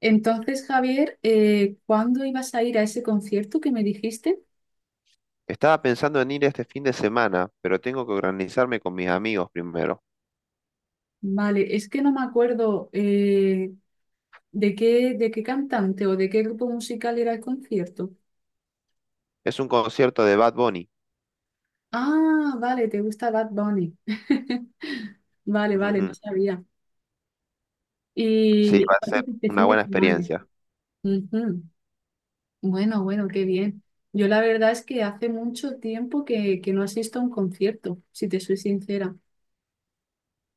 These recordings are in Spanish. Entonces, Javier, ¿cuándo ibas a ir a ese concierto que me dijiste? Estaba pensando en ir este fin de semana, pero tengo que organizarme con mis amigos primero. Vale, es que no me acuerdo de qué cantante o de qué grupo musical era el concierto. Es un concierto de Bad Bunny. Ah, vale, te gusta Bad Bunny. Vale, vale, no sabía. Sí, Y va a aparte ser de este una fin de buena semana. experiencia. Ujú. Bueno, bueno, qué bien. Yo la verdad es que hace mucho tiempo que no asisto a un concierto, si te soy sincera.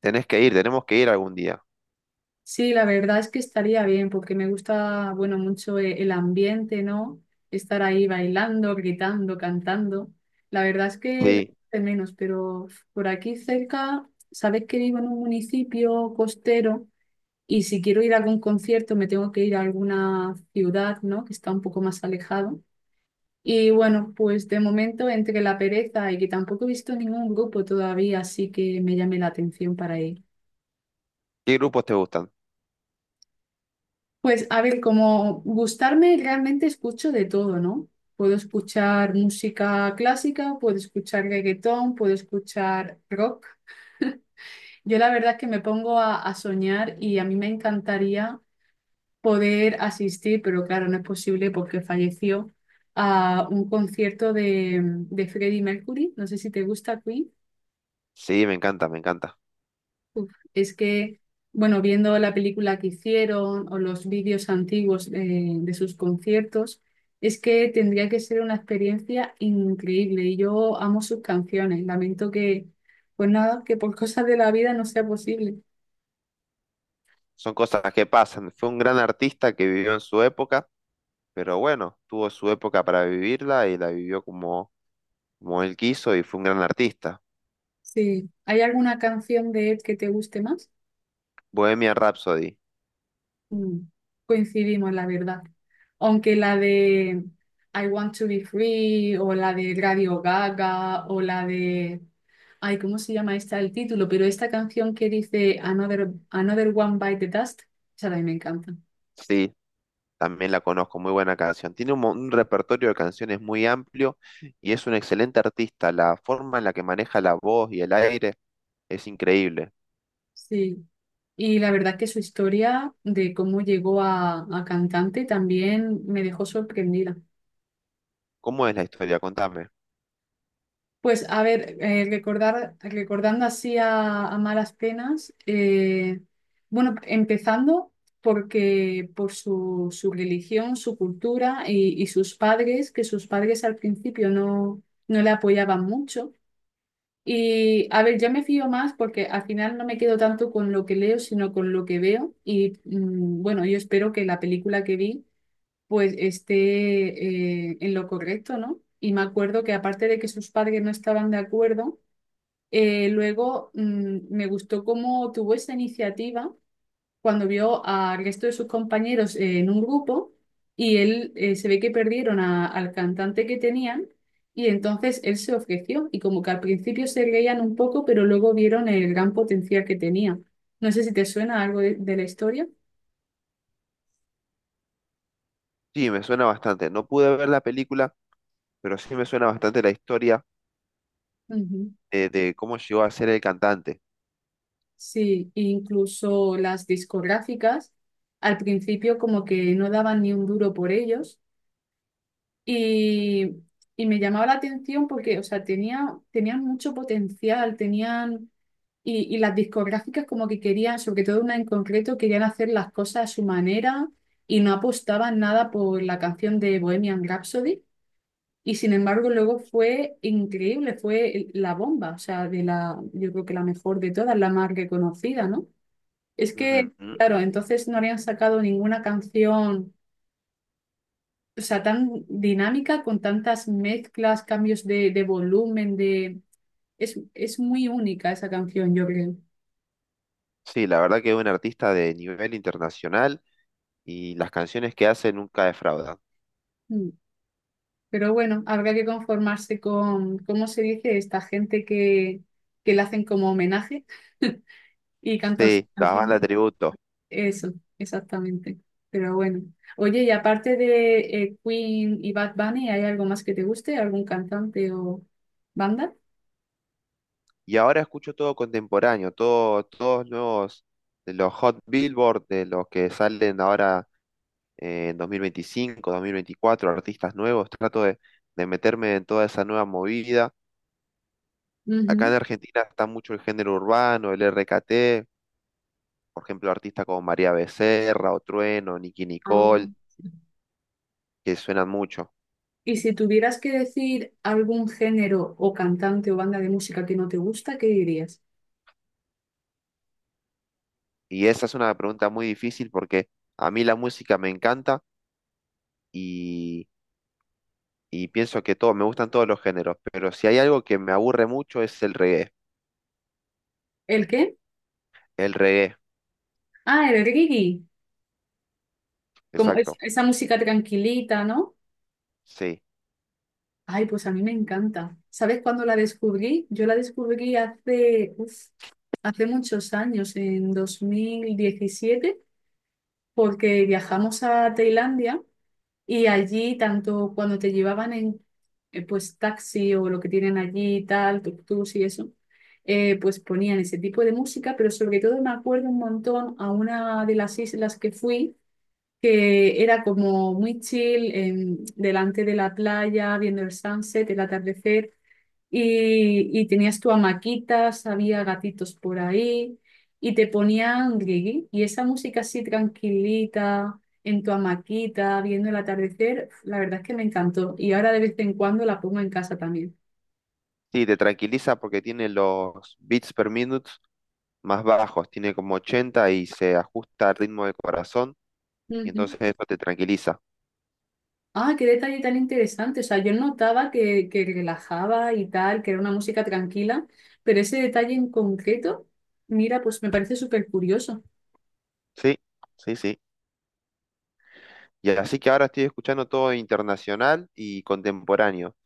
Tenés que ir, tenemos que ir algún día. Sí, la verdad es que estaría bien porque me gusta, bueno, mucho el ambiente, ¿no? Estar ahí bailando, gritando, cantando. La verdad es que lo echo Sí. de menos, pero por aquí cerca, sabes que vivo en un municipio costero y si quiero ir a algún concierto me tengo que ir a alguna ciudad, ¿no? Que está un poco más alejado. Y bueno, pues de momento entre la pereza y que tampoco he visto ningún grupo todavía, así que me llame la atención para ir. ¿Qué grupos te gustan? Pues a ver, como gustarme realmente escucho de todo, ¿no? Puedo escuchar música clásica, puedo escuchar reggaetón, puedo escuchar rock. Yo la verdad es que me pongo a soñar y a mí me encantaría poder asistir, pero claro, no es posible porque falleció. A un concierto de Freddie Mercury. No sé si te gusta Queen. Sí, me encanta, me encanta. Uf, es que, bueno, viendo la película que hicieron o los vídeos antiguos de sus conciertos, es que tendría que ser una experiencia increíble y yo amo sus canciones. Lamento que, pues nada, que por cosas de la vida no sea posible. Son cosas que pasan. Fue un gran artista que vivió en su época, pero bueno, tuvo su época para vivirla y la vivió como, como él quiso y fue un gran artista. Sí. ¿Hay alguna canción de Ed que te guste más? Bohemian Rhapsody. Mm, coincidimos, la verdad. Aunque la de I Want to be free o la de Radio Gaga o la de... Ay, ¿cómo se llama esta el título? Pero esta canción que dice Another One Bite the Dust, esa también me encanta. Sí, también la conozco, muy buena canción. Tiene un repertorio de canciones muy amplio y es un excelente artista. La forma en la que maneja la voz y el aire es increíble. Sí. Y la verdad que su historia de cómo llegó a cantante también me dejó sorprendida. ¿Cómo es la historia? Contame. Pues a ver, recordando así a malas penas, bueno, empezando porque por su religión, su cultura y sus padres, que sus padres al principio no le apoyaban mucho. Y a ver, yo me fío más porque al final no me quedo tanto con lo que leo, sino con lo que veo. Y mm, bueno, yo espero que la película que vi pues esté en lo correcto, ¿no? Y me acuerdo que aparte de que sus padres no estaban de acuerdo, luego me gustó cómo tuvo esa iniciativa cuando vio al resto de sus compañeros en un grupo y él se ve que perdieron al cantante que tenían y entonces él se ofreció y como que al principio se reían un poco, pero luego vieron el gran potencial que tenía. No sé si te suena algo de la historia. Sí, me suena bastante. No pude ver la película, pero sí me suena bastante la historia Ujú. de cómo llegó a ser el cantante. Sí, incluso las discográficas al principio como que no daban ni un duro por ellos y, y me llamaba la atención porque, o sea, tenían mucho potencial, tenían... Y las discográficas como que querían, sobre todo una en concreto, querían hacer las cosas a su manera y no apostaban nada por la canción de Bohemian Rhapsody. Y sin embargo luego fue increíble, fue la bomba, o sea, de la, yo creo que la mejor de todas, la más reconocida, ¿no? Es Ujú, que, ujú. claro, entonces no habrían sacado ninguna canción, o sea, tan dinámica, con tantas mezclas, cambios de volumen, de... Es muy única esa canción, yo creo. Sí, la verdad que es un artista de nivel internacional y las canciones que hace nunca defraudan. Mm. Pero bueno, habrá que conformarse con, ¿cómo se dice? Esta gente que le hacen como homenaje y cantan sus Sí, las canciones. bandas tributo. Eso, exactamente. Pero bueno. Oye, y aparte de Queen y Bad Bunny, ¿hay algo más que te guste? ¿Algún cantante o banda? Y ahora escucho todo contemporáneo, todo, todos nuevos, de los Hot Billboard, de los que salen ahora en 2025, 2024 artistas nuevos. Trato de meterme en toda esa nueva movida. Acá en Ujú. Argentina está mucho el género urbano, el RKT, por ejemplo, artistas como María Becerra, o Trueno, Nicki Ah, Nicole, sí. que suenan mucho. Y si tuvieras que decir algún género o cantante o banda de música que no te gusta, ¿qué dirías? Y esa es una pregunta muy difícil porque a mí la música me encanta y pienso que todo, me gustan todos los géneros, pero si hay algo que me aburre mucho es el reggae. ¿El qué? El reggae, Ah, el reggae. Como exacto, esa música tranquilita, ¿no? sí. Ay, pues a mí me encanta. ¿Sabes cuándo la descubrí? Yo la descubrí hace, uf, hace muchos años, en 2017 porque viajamos a Tailandia. Y allí, tanto cuando te llevaban en pues taxi o lo que tienen allí, y tal, tuk-tuks y eso, pues ponían ese tipo de música, pero sobre todo me acuerdo un montón a una de las islas que fui que era como muy chill, delante de la playa, viendo el sunset, el atardecer, y tenías tu hamaquitas, había gatitos por ahí, y te ponían reggae, y esa música así tranquilita, en tu hamaquita, viendo el atardecer, la verdad es que me encantó, y ahora de vez en cuando la pongo en casa también. Sí, te tranquiliza porque tiene los beats per minute más bajos, tiene como 80 y se ajusta al ritmo del corazón, y entonces eso te tranquiliza. Ah, qué detalle tan interesante. O sea, yo notaba que relajaba y tal, que era una música tranquila, pero ese detalle en concreto, mira, pues me parece súper curioso. Sí, sí, sí. Y así que ahora estoy escuchando todo internacional y contemporáneo.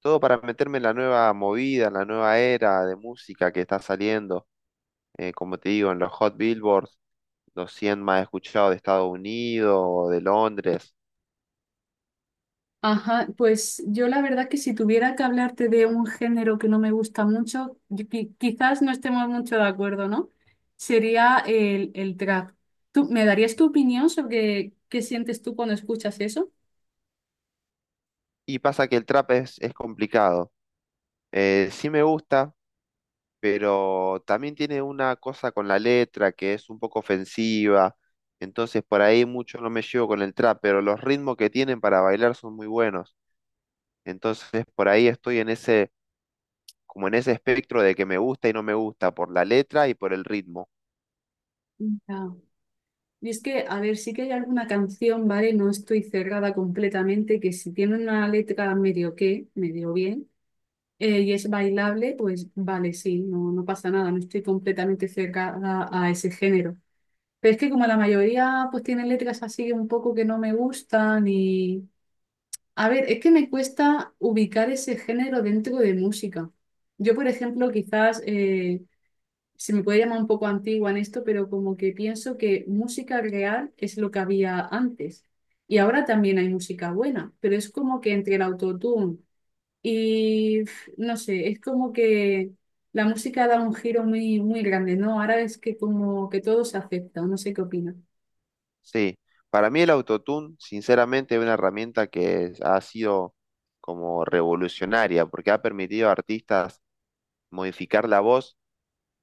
Todo para meterme en la nueva movida, en la nueva era de música que está saliendo, como te digo, en los Hot Billboards los 100 más escuchados de Estados Unidos o de Londres. Ajá, pues yo la verdad que si tuviera que hablarte de un género que no me gusta mucho, yo quizás no estemos mucho de acuerdo, ¿no? Sería el trap. ¿Tú me darías tu opinión sobre qué sientes tú cuando escuchas eso? Y pasa que el trap es complicado. Sí me gusta, pero también tiene una cosa con la letra que es un poco ofensiva. Entonces por ahí mucho no me llevo con el trap, pero los ritmos que tienen para bailar son muy buenos. Entonces por ahí estoy en ese, como en ese espectro de que me gusta y no me gusta, por la letra y por el ritmo. Ya. Y es que, a ver, sí que hay alguna canción, ¿vale? No estoy cerrada completamente, que si tiene una letra medio bien, y es bailable, pues vale, sí, no, no pasa nada, no estoy completamente cerrada a ese género. Pero es que como la mayoría, pues tienen letras así un poco que no me gustan y... A ver, es que me cuesta ubicar ese género dentro de música. Yo, por ejemplo, quizás... se me puede llamar un poco antigua en esto, pero como que pienso que música real es lo que había antes. Y ahora también hay música buena, pero es como que entre el autotune y pf, no sé, es como que la música da un giro muy, muy grande, ¿no? Ahora es que como que todo se acepta, no sé qué opina. Sí, para mí el autotune, sinceramente, es una herramienta que ha sido como revolucionaria, porque ha permitido a artistas modificar la voz,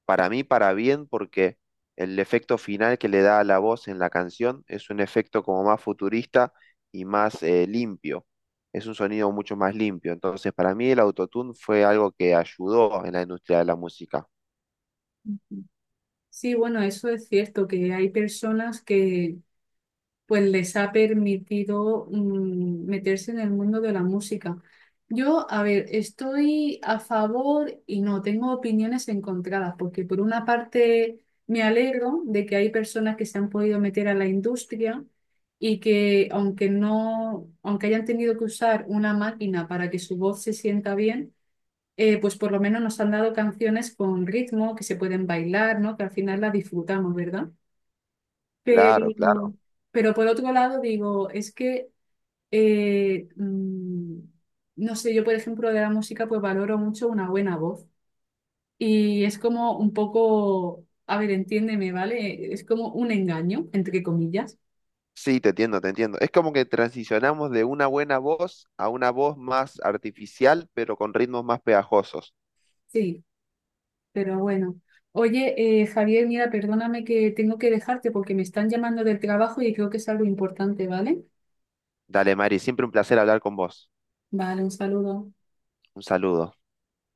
para mí, para bien, porque el efecto final que le da a la voz en la canción es un efecto como más futurista y más limpio. Es un sonido mucho más limpio. Entonces, para mí el autotune fue algo que ayudó en la industria de la música. Ujú. Sí, bueno, eso es cierto, que hay personas que pues les ha permitido meterse en el mundo de la música. Yo, a ver, estoy a favor y no, tengo opiniones encontradas, porque por una parte me alegro de que hay personas que se han podido meter a la industria y que aunque no, aunque hayan tenido que usar una máquina para que su voz se sienta bien, pues por lo menos nos han dado canciones con ritmo, que se pueden bailar, ¿no? Que al final las disfrutamos, ¿verdad? Pero, Claro, claro. pero por otro lado digo, es que, eh, mm, no sé, yo por ejemplo de la música pues valoro mucho una buena voz y es como un poco, a ver, entiéndeme, ¿vale? Es como un engaño, entre comillas. Sí, te entiendo, te entiendo. Es como que transicionamos de una buena voz a una voz más artificial, pero con ritmos más pegajosos. Sí, pero bueno. Oye, Javier, mira, perdóname que tengo que dejarte porque me están llamando del trabajo y creo que es algo importante, ¿vale? Dale, Mari, siempre un placer hablar con vos. Vale, un saludo. Un saludo.